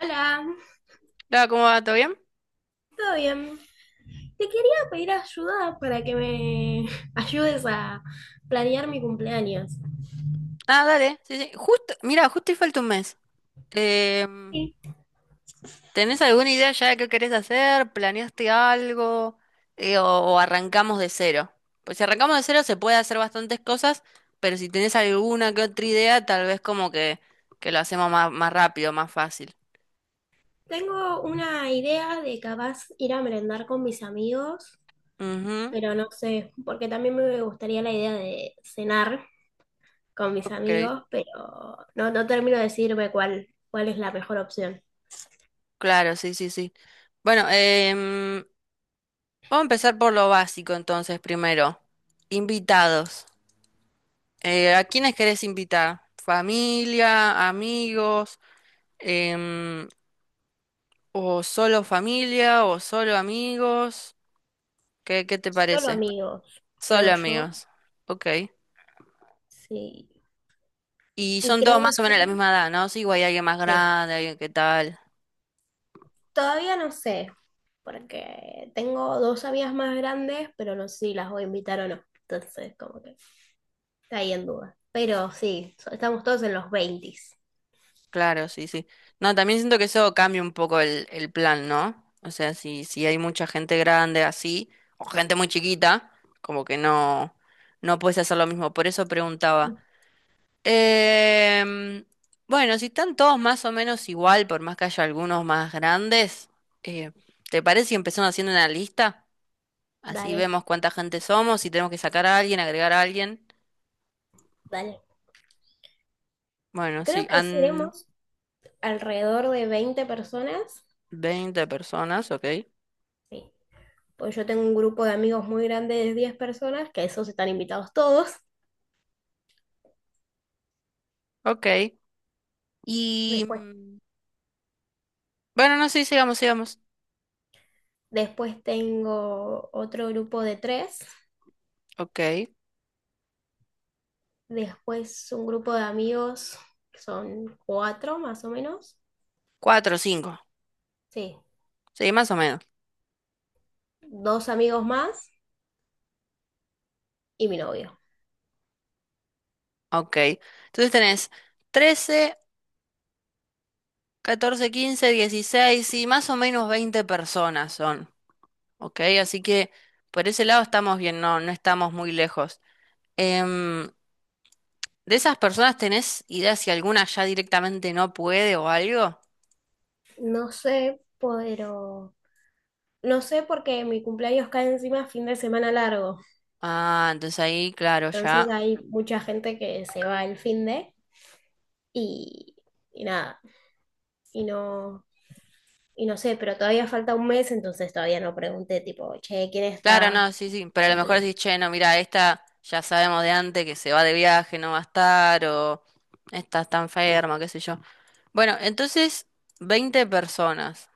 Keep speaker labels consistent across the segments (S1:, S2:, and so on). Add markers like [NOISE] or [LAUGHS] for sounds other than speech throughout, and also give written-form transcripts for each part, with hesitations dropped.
S1: Hola,
S2: Hola, ¿cómo va? ¿Todo bien?
S1: ¿todo bien? Te quería pedir ayuda para que me [LAUGHS] ayudes a planear mi cumpleaños.
S2: Ah, dale. Sí, sí. Justo, mira, justo y falta un mes. Em,
S1: Sí.
S2: ¿Tenés alguna idea ya de qué querés hacer? ¿Planeaste algo? O arrancamos de cero? Pues si arrancamos de cero se puede hacer bastantes cosas, pero si tenés alguna que otra idea, tal vez como que lo hacemos más rápido, más fácil.
S1: Tengo una idea de capaz ir a merendar con mis amigos,
S2: Ujú,
S1: pero no sé, porque también me gustaría la idea de cenar con mis
S2: ok.
S1: amigos, pero no termino de decirme cuál es la mejor opción.
S2: Claro, sí, sí, sí. Bueno, vamos a empezar por lo básico entonces primero. Invitados. ¿A quiénes querés invitar? ¿Familia, amigos, Em, o solo familia, o solo amigos? ¿Qué te
S1: Solo
S2: parece?
S1: amigos,
S2: Solo
S1: creo yo.
S2: amigos. Ok.
S1: Sí.
S2: Y
S1: Y
S2: son todos
S1: creo que
S2: más o menos de la
S1: son...
S2: misma edad, ¿no? Sí, o hay alguien más
S1: Sí.
S2: grande, alguien que tal.
S1: Todavía no sé. Porque tengo dos amigas más grandes, pero no sé si las voy a invitar o no. Entonces, como que está ahí en duda. Pero sí, estamos todos en los 20.
S2: Claro, sí, sí. No, también siento que eso cambia un poco el plan, ¿no? O sea, si hay mucha gente grande así, o gente muy chiquita, como que no, no puedes hacer lo mismo. Por eso preguntaba. Em, bueno, si están todos más o menos igual, por más que haya algunos más grandes, eh, ¿te parece si empezamos haciendo una lista? Así
S1: Dale,
S2: vemos cuánta gente somos, si tenemos que sacar a alguien, agregar a alguien.
S1: dale.
S2: Bueno, sí,
S1: Creo que
S2: han
S1: seremos alrededor de 20 personas.
S2: veinte personas, ok.
S1: Sí, pues yo tengo un grupo de amigos muy grande de 10 personas, que esos están invitados todos.
S2: Ok. Y
S1: Después,
S2: bueno, no sé, sigamos.
S1: después tengo otro grupo de tres.
S2: Ok.
S1: Después un grupo de amigos que son 4 más o menos.
S2: 4, o 5.
S1: Sí,
S2: Sí, más o menos.
S1: dos amigos más y mi novio.
S2: Ok. Entonces tenés 13, 14, 15, 16 sí, más o menos 20 personas son. Ok, así que por ese lado estamos bien, no, no estamos muy lejos. Em, ¿De esas personas tenés idea si alguna ya directamente no puede o algo?
S1: No sé, pero no sé porque mi cumpleaños cae encima fin de semana largo.
S2: Ah, entonces ahí, claro,
S1: Entonces
S2: ya.
S1: hay mucha gente que se va el fin de y, y nada. Y no, y no sé, pero todavía falta un mes, entonces todavía no pregunté tipo, che, ¿quién
S2: Claro, no,
S1: está
S2: sí, sí, pero a lo mejor
S1: cumple?
S2: decís, che, no, mira, esta ya sabemos de antes que se va de viaje, no va a estar, o esta está enferma, qué sé yo. Bueno, entonces, 20 personas,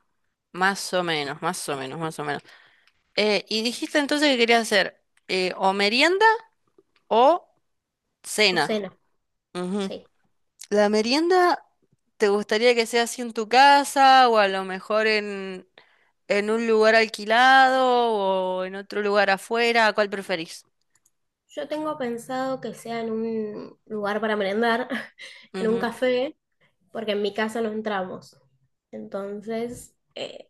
S2: más o menos, más o menos, más o menos. Y dijiste entonces que querías hacer o merienda o
S1: O
S2: cena.
S1: cena,
S2: Ujú.
S1: sí.
S2: ¿La merienda te gustaría que sea así en tu casa o a lo mejor en un lugar alquilado o en otro lugar afuera? ¿Cuál preferís?
S1: Yo tengo pensado que sea en un lugar para merendar, [LAUGHS] en un
S2: Ujú.
S1: café, porque en mi casa no entramos. Entonces,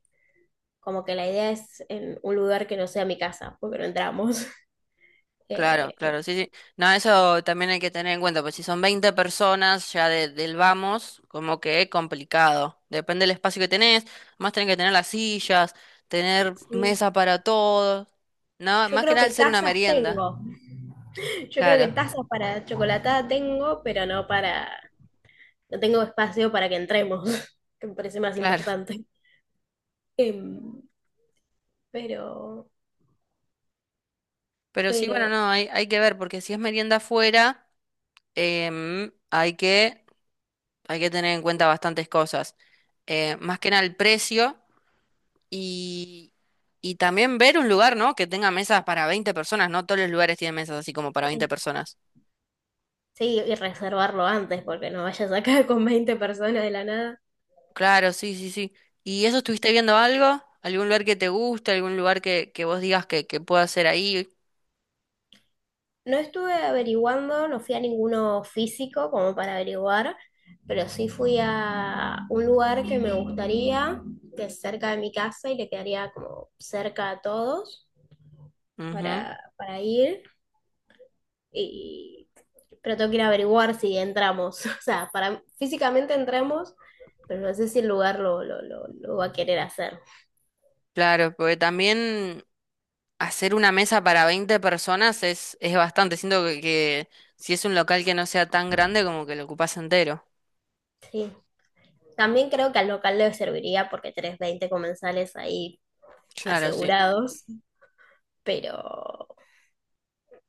S1: como que la idea es en un lugar que no sea mi casa, porque no entramos. [LAUGHS]
S2: Claro,
S1: Eh,
S2: claro, sí, sí. No, eso también hay que tener en cuenta, pues si son 20 personas ya de- del vamos, como que es complicado. Depende del espacio que tenés, más tenés que tener las sillas, tener
S1: Sí.
S2: mesa para todos, ¿no?
S1: Yo
S2: Más que
S1: creo
S2: nada
S1: que
S2: al ser una
S1: tazas
S2: merienda.
S1: tengo. Yo creo que
S2: Claro,
S1: tazas para chocolatada tengo, pero no para, no tengo espacio para que entremos, [LAUGHS] que me parece más
S2: claro.
S1: importante. Em, pero,
S2: Pero sí, bueno,
S1: pero,
S2: no, hay que ver, porque si es merienda afuera, em, hay que, hay que tener en cuenta bastantes cosas. Más que nada el precio y, y también ver un lugar, ¿no? Que tenga mesas para 20 personas, no todos los lugares tienen mesas así como para
S1: eh,
S2: 20 personas.
S1: sí, y reservarlo antes, porque no vayas acá con 20 personas de la nada.
S2: Claro, sí, sí, sí. ¿Y eso estuviste viendo algo? ¿Algún lugar que te guste? ¿Algún lugar que vos digas que pueda hacer ahí?
S1: No estuve averiguando, no fui a ninguno físico como para averiguar, pero sí fui a un lugar que me gustaría, que es cerca de mi casa y le quedaría como cerca a todos
S2: Ujú.
S1: para ir. Y, pero tengo que ir a averiguar si entramos. [LAUGHS] O sea, físicamente entramos, pero no sé si el lugar lo va a querer hacer.
S2: Claro, porque también hacer una mesa para 20 personas es bastante. Siento que si es un local que no sea tan grande, como que lo ocupas entero.
S1: Sí. También creo que al local le serviría porque tenés 20 comensales ahí
S2: Claro, sí,
S1: asegurados, pero...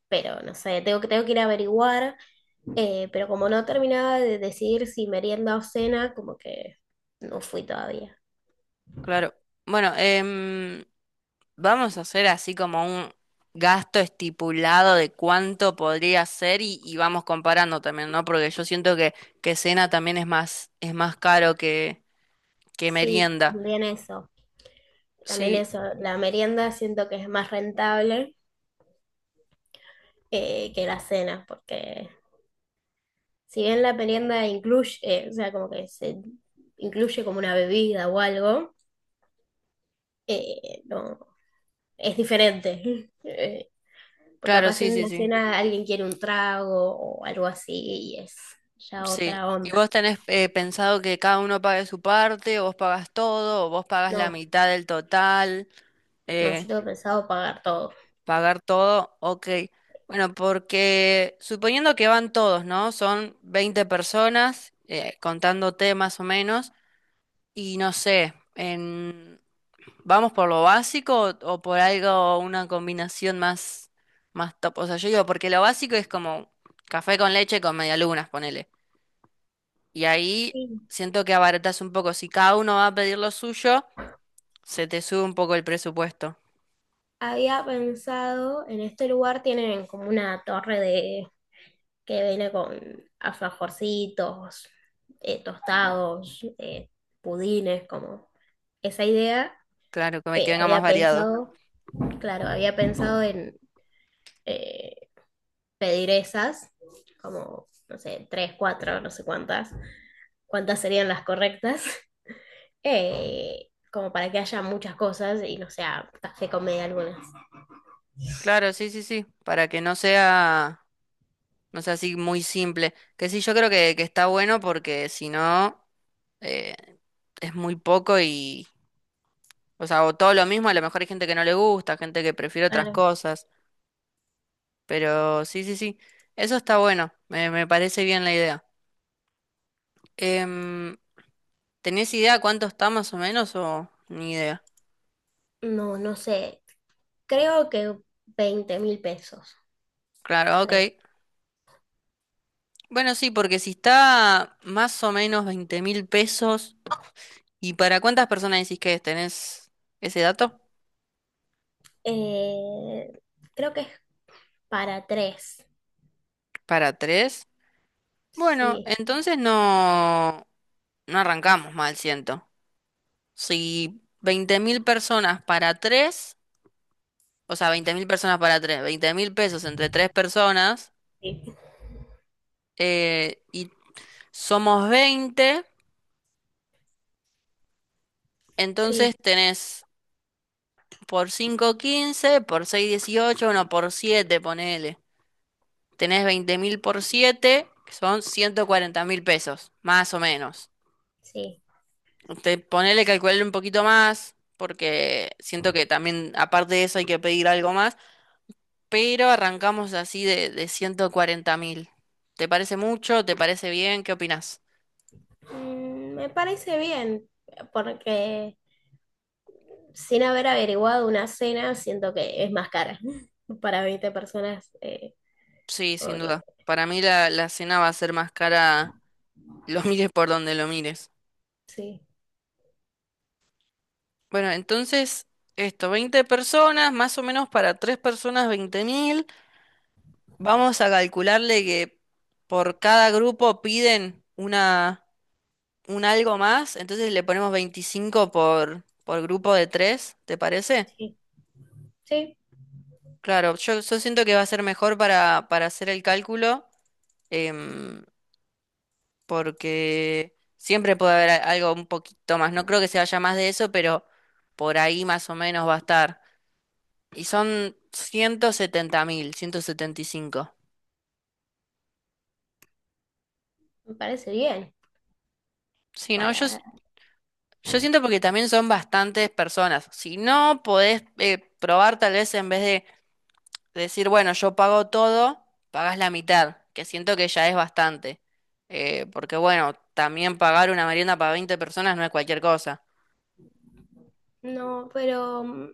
S1: pero no sé, tengo que ir a averiguar, pero como no terminaba de decidir si merienda o cena, como que no fui todavía.
S2: claro. Bueno, vamos a hacer así como un gasto estipulado de cuánto podría ser y vamos comparando también, ¿no? Porque yo siento que cena también es más caro que
S1: Sí,
S2: merienda.
S1: también eso, también
S2: Sí,
S1: eso, la merienda siento que es más rentable que la cena, porque si bien la merienda incluye, o sea, como que se incluye como una bebida o algo, no, es diferente. [LAUGHS] Porque
S2: claro,
S1: capaz
S2: sí,
S1: en
S2: sí,
S1: una
S2: sí.
S1: cena alguien quiere un trago o algo así y es ya
S2: Sí.
S1: otra
S2: ¿Y
S1: onda.
S2: vos tenés pensado que cada uno pague su parte, o vos pagas todo, o vos pagas la
S1: No.
S2: mitad del total,
S1: No, yo
S2: eh,
S1: tengo pensado pagar todo.
S2: pagar todo? Ok. Bueno, porque suponiendo que van todos, ¿no? Son 20 personas, contándote más o menos, y no sé, en... ¿vamos por lo básico o por algo, una combinación más top? O sea, yo digo, porque lo básico es como café con leche con medialunas, ponele. Y ahí
S1: Sí.
S2: siento que abaratas un poco. Si cada uno va a pedir lo suyo, se te sube un poco el presupuesto.
S1: Había pensado, en este lugar tienen como una torre de que viene con alfajorcitos, tostados, pudines, como esa idea.
S2: Claro, que me-
S1: eh,
S2: que venga más
S1: había
S2: variado.
S1: pensado, claro, había pensado en eh, pedir esas, como, no sé, tres, cuatro, no sé cuántas serían las correctas, [LAUGHS] como para que haya muchas cosas y no sea café con media algunas.
S2: Claro, sí, sí, sí. Para que no sea así muy simple. Que sí, yo creo que está bueno porque si no, eh, es muy poco y, o sea, o todo lo mismo, a lo mejor hay gente que no le gusta, gente que prefiere otras cosas. Pero sí, sí, sí. Eso está bueno. Me parece bien la idea. Em, ¿Tenés idea cuánto está más o menos o ni idea?
S1: No, no sé. Creo que 20.000 pesos,
S2: Claro, ok.
S1: creo.
S2: Bueno, sí, porque si está más o menos 20 mil pesos, ¿y para cuántas personas decís que es? ¿Tenés ese dato?
S1: Eh, Creo que es para tres.
S2: ¿Para tres? Bueno,
S1: Sí,
S2: entonces no, no arrancamos mal, siento. Si 20 mil personas para tres, o sea, 20 mil personas para tres, 20 mil pesos entre tres personas,
S1: Sí.
S2: y somos 20, entonces
S1: sí,
S2: tenés por 5 15, por 6 18, no, por 7 ponele. Tenés 20 mil por 7, que son 140 mil pesos, más o menos.
S1: sí.
S2: Usted ponele, calcularle un poquito más, porque siento que también, aparte de eso, hay que pedir algo más, pero arrancamos así de 140 mil. ¿Te parece mucho? ¿Te parece bien? ¿Qué opinás?
S1: Me parece bien, porque sin haber averiguado una cena, siento que es más cara. [LAUGHS] Para 20 personas,
S2: Sí,
S1: como
S2: sin
S1: que
S2: duda. Para mí la cena va a ser más cara, lo mires por donde lo mires.
S1: sí,
S2: Bueno, entonces, esto, 20 personas, más o menos para 3 personas, 20.000. Vamos a calcularle que por cada grupo piden una, un algo más, entonces le ponemos 25 por grupo de 3, ¿te parece?
S1: sí, sí,
S2: Claro, yo siento que va a ser mejor para hacer el cálculo, em, porque siempre puede haber a- algo un poquito más. No creo que se vaya más de eso, pero por ahí más o menos va a estar. Y son 170,000, 175.
S1: me parece bien.
S2: Sí, no, yo,
S1: Para...
S2: Yo siento porque también son bastantes personas. Si no podés probar, tal vez en vez de decir, bueno, yo pago todo, pagás la mitad, que siento que ya es bastante. Porque bueno, también pagar una merienda para 20 personas no es cualquier cosa.
S1: No, pero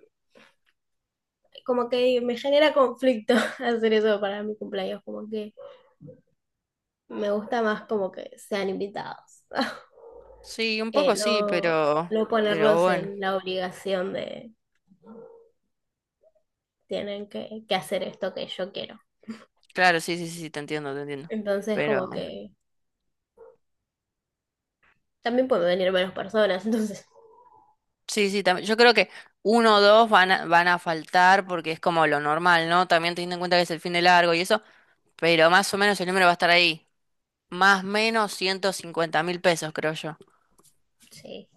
S1: como que me genera conflicto [LAUGHS] hacer eso para mi cumpleaños, como que... Me gusta más como que sean invitados. [LAUGHS]
S2: Sí, un
S1: Eh,
S2: poco sí,
S1: no, no
S2: pero
S1: ponerlos
S2: bueno,
S1: en la obligación de tienen que hacer esto que yo quiero.
S2: claro, sí, sí, sí, te entiendo, te entiendo.
S1: Entonces, como
S2: Pero
S1: que también pueden venir menos personas. [LAUGHS] Entonces,
S2: sí, sí, también, yo creo que uno o dos van a, van a faltar porque es como lo normal, ¿no? También teniendo en cuenta que es el fin de largo y eso, pero más o menos el número va a estar ahí. Más o menos 150,000 pesos, creo yo.
S1: sí.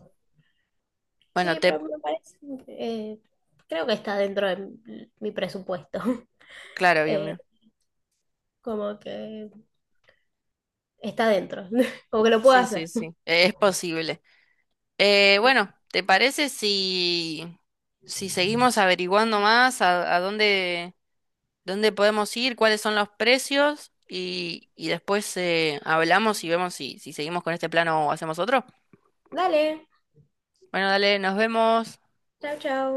S2: Bueno,
S1: Sí,
S2: te...
S1: pero me parece. eh, Creo que está dentro de mi presupuesto. [LAUGHS]
S2: Claro, bien,
S1: Eh,
S2: bien.
S1: Como que está dentro. [LAUGHS] Como que lo puedo
S2: Sí, sí,
S1: hacer.
S2: sí.
S1: [LAUGHS]
S2: Es posible. Bueno, ¿te parece si, si seguimos averiguando más a dónde, dónde podemos ir, cuáles son los precios y después hablamos y vemos si, si seguimos con este plan o hacemos otro?
S1: Dale.
S2: Bueno, dale, nos vemos.
S1: Chao, chao.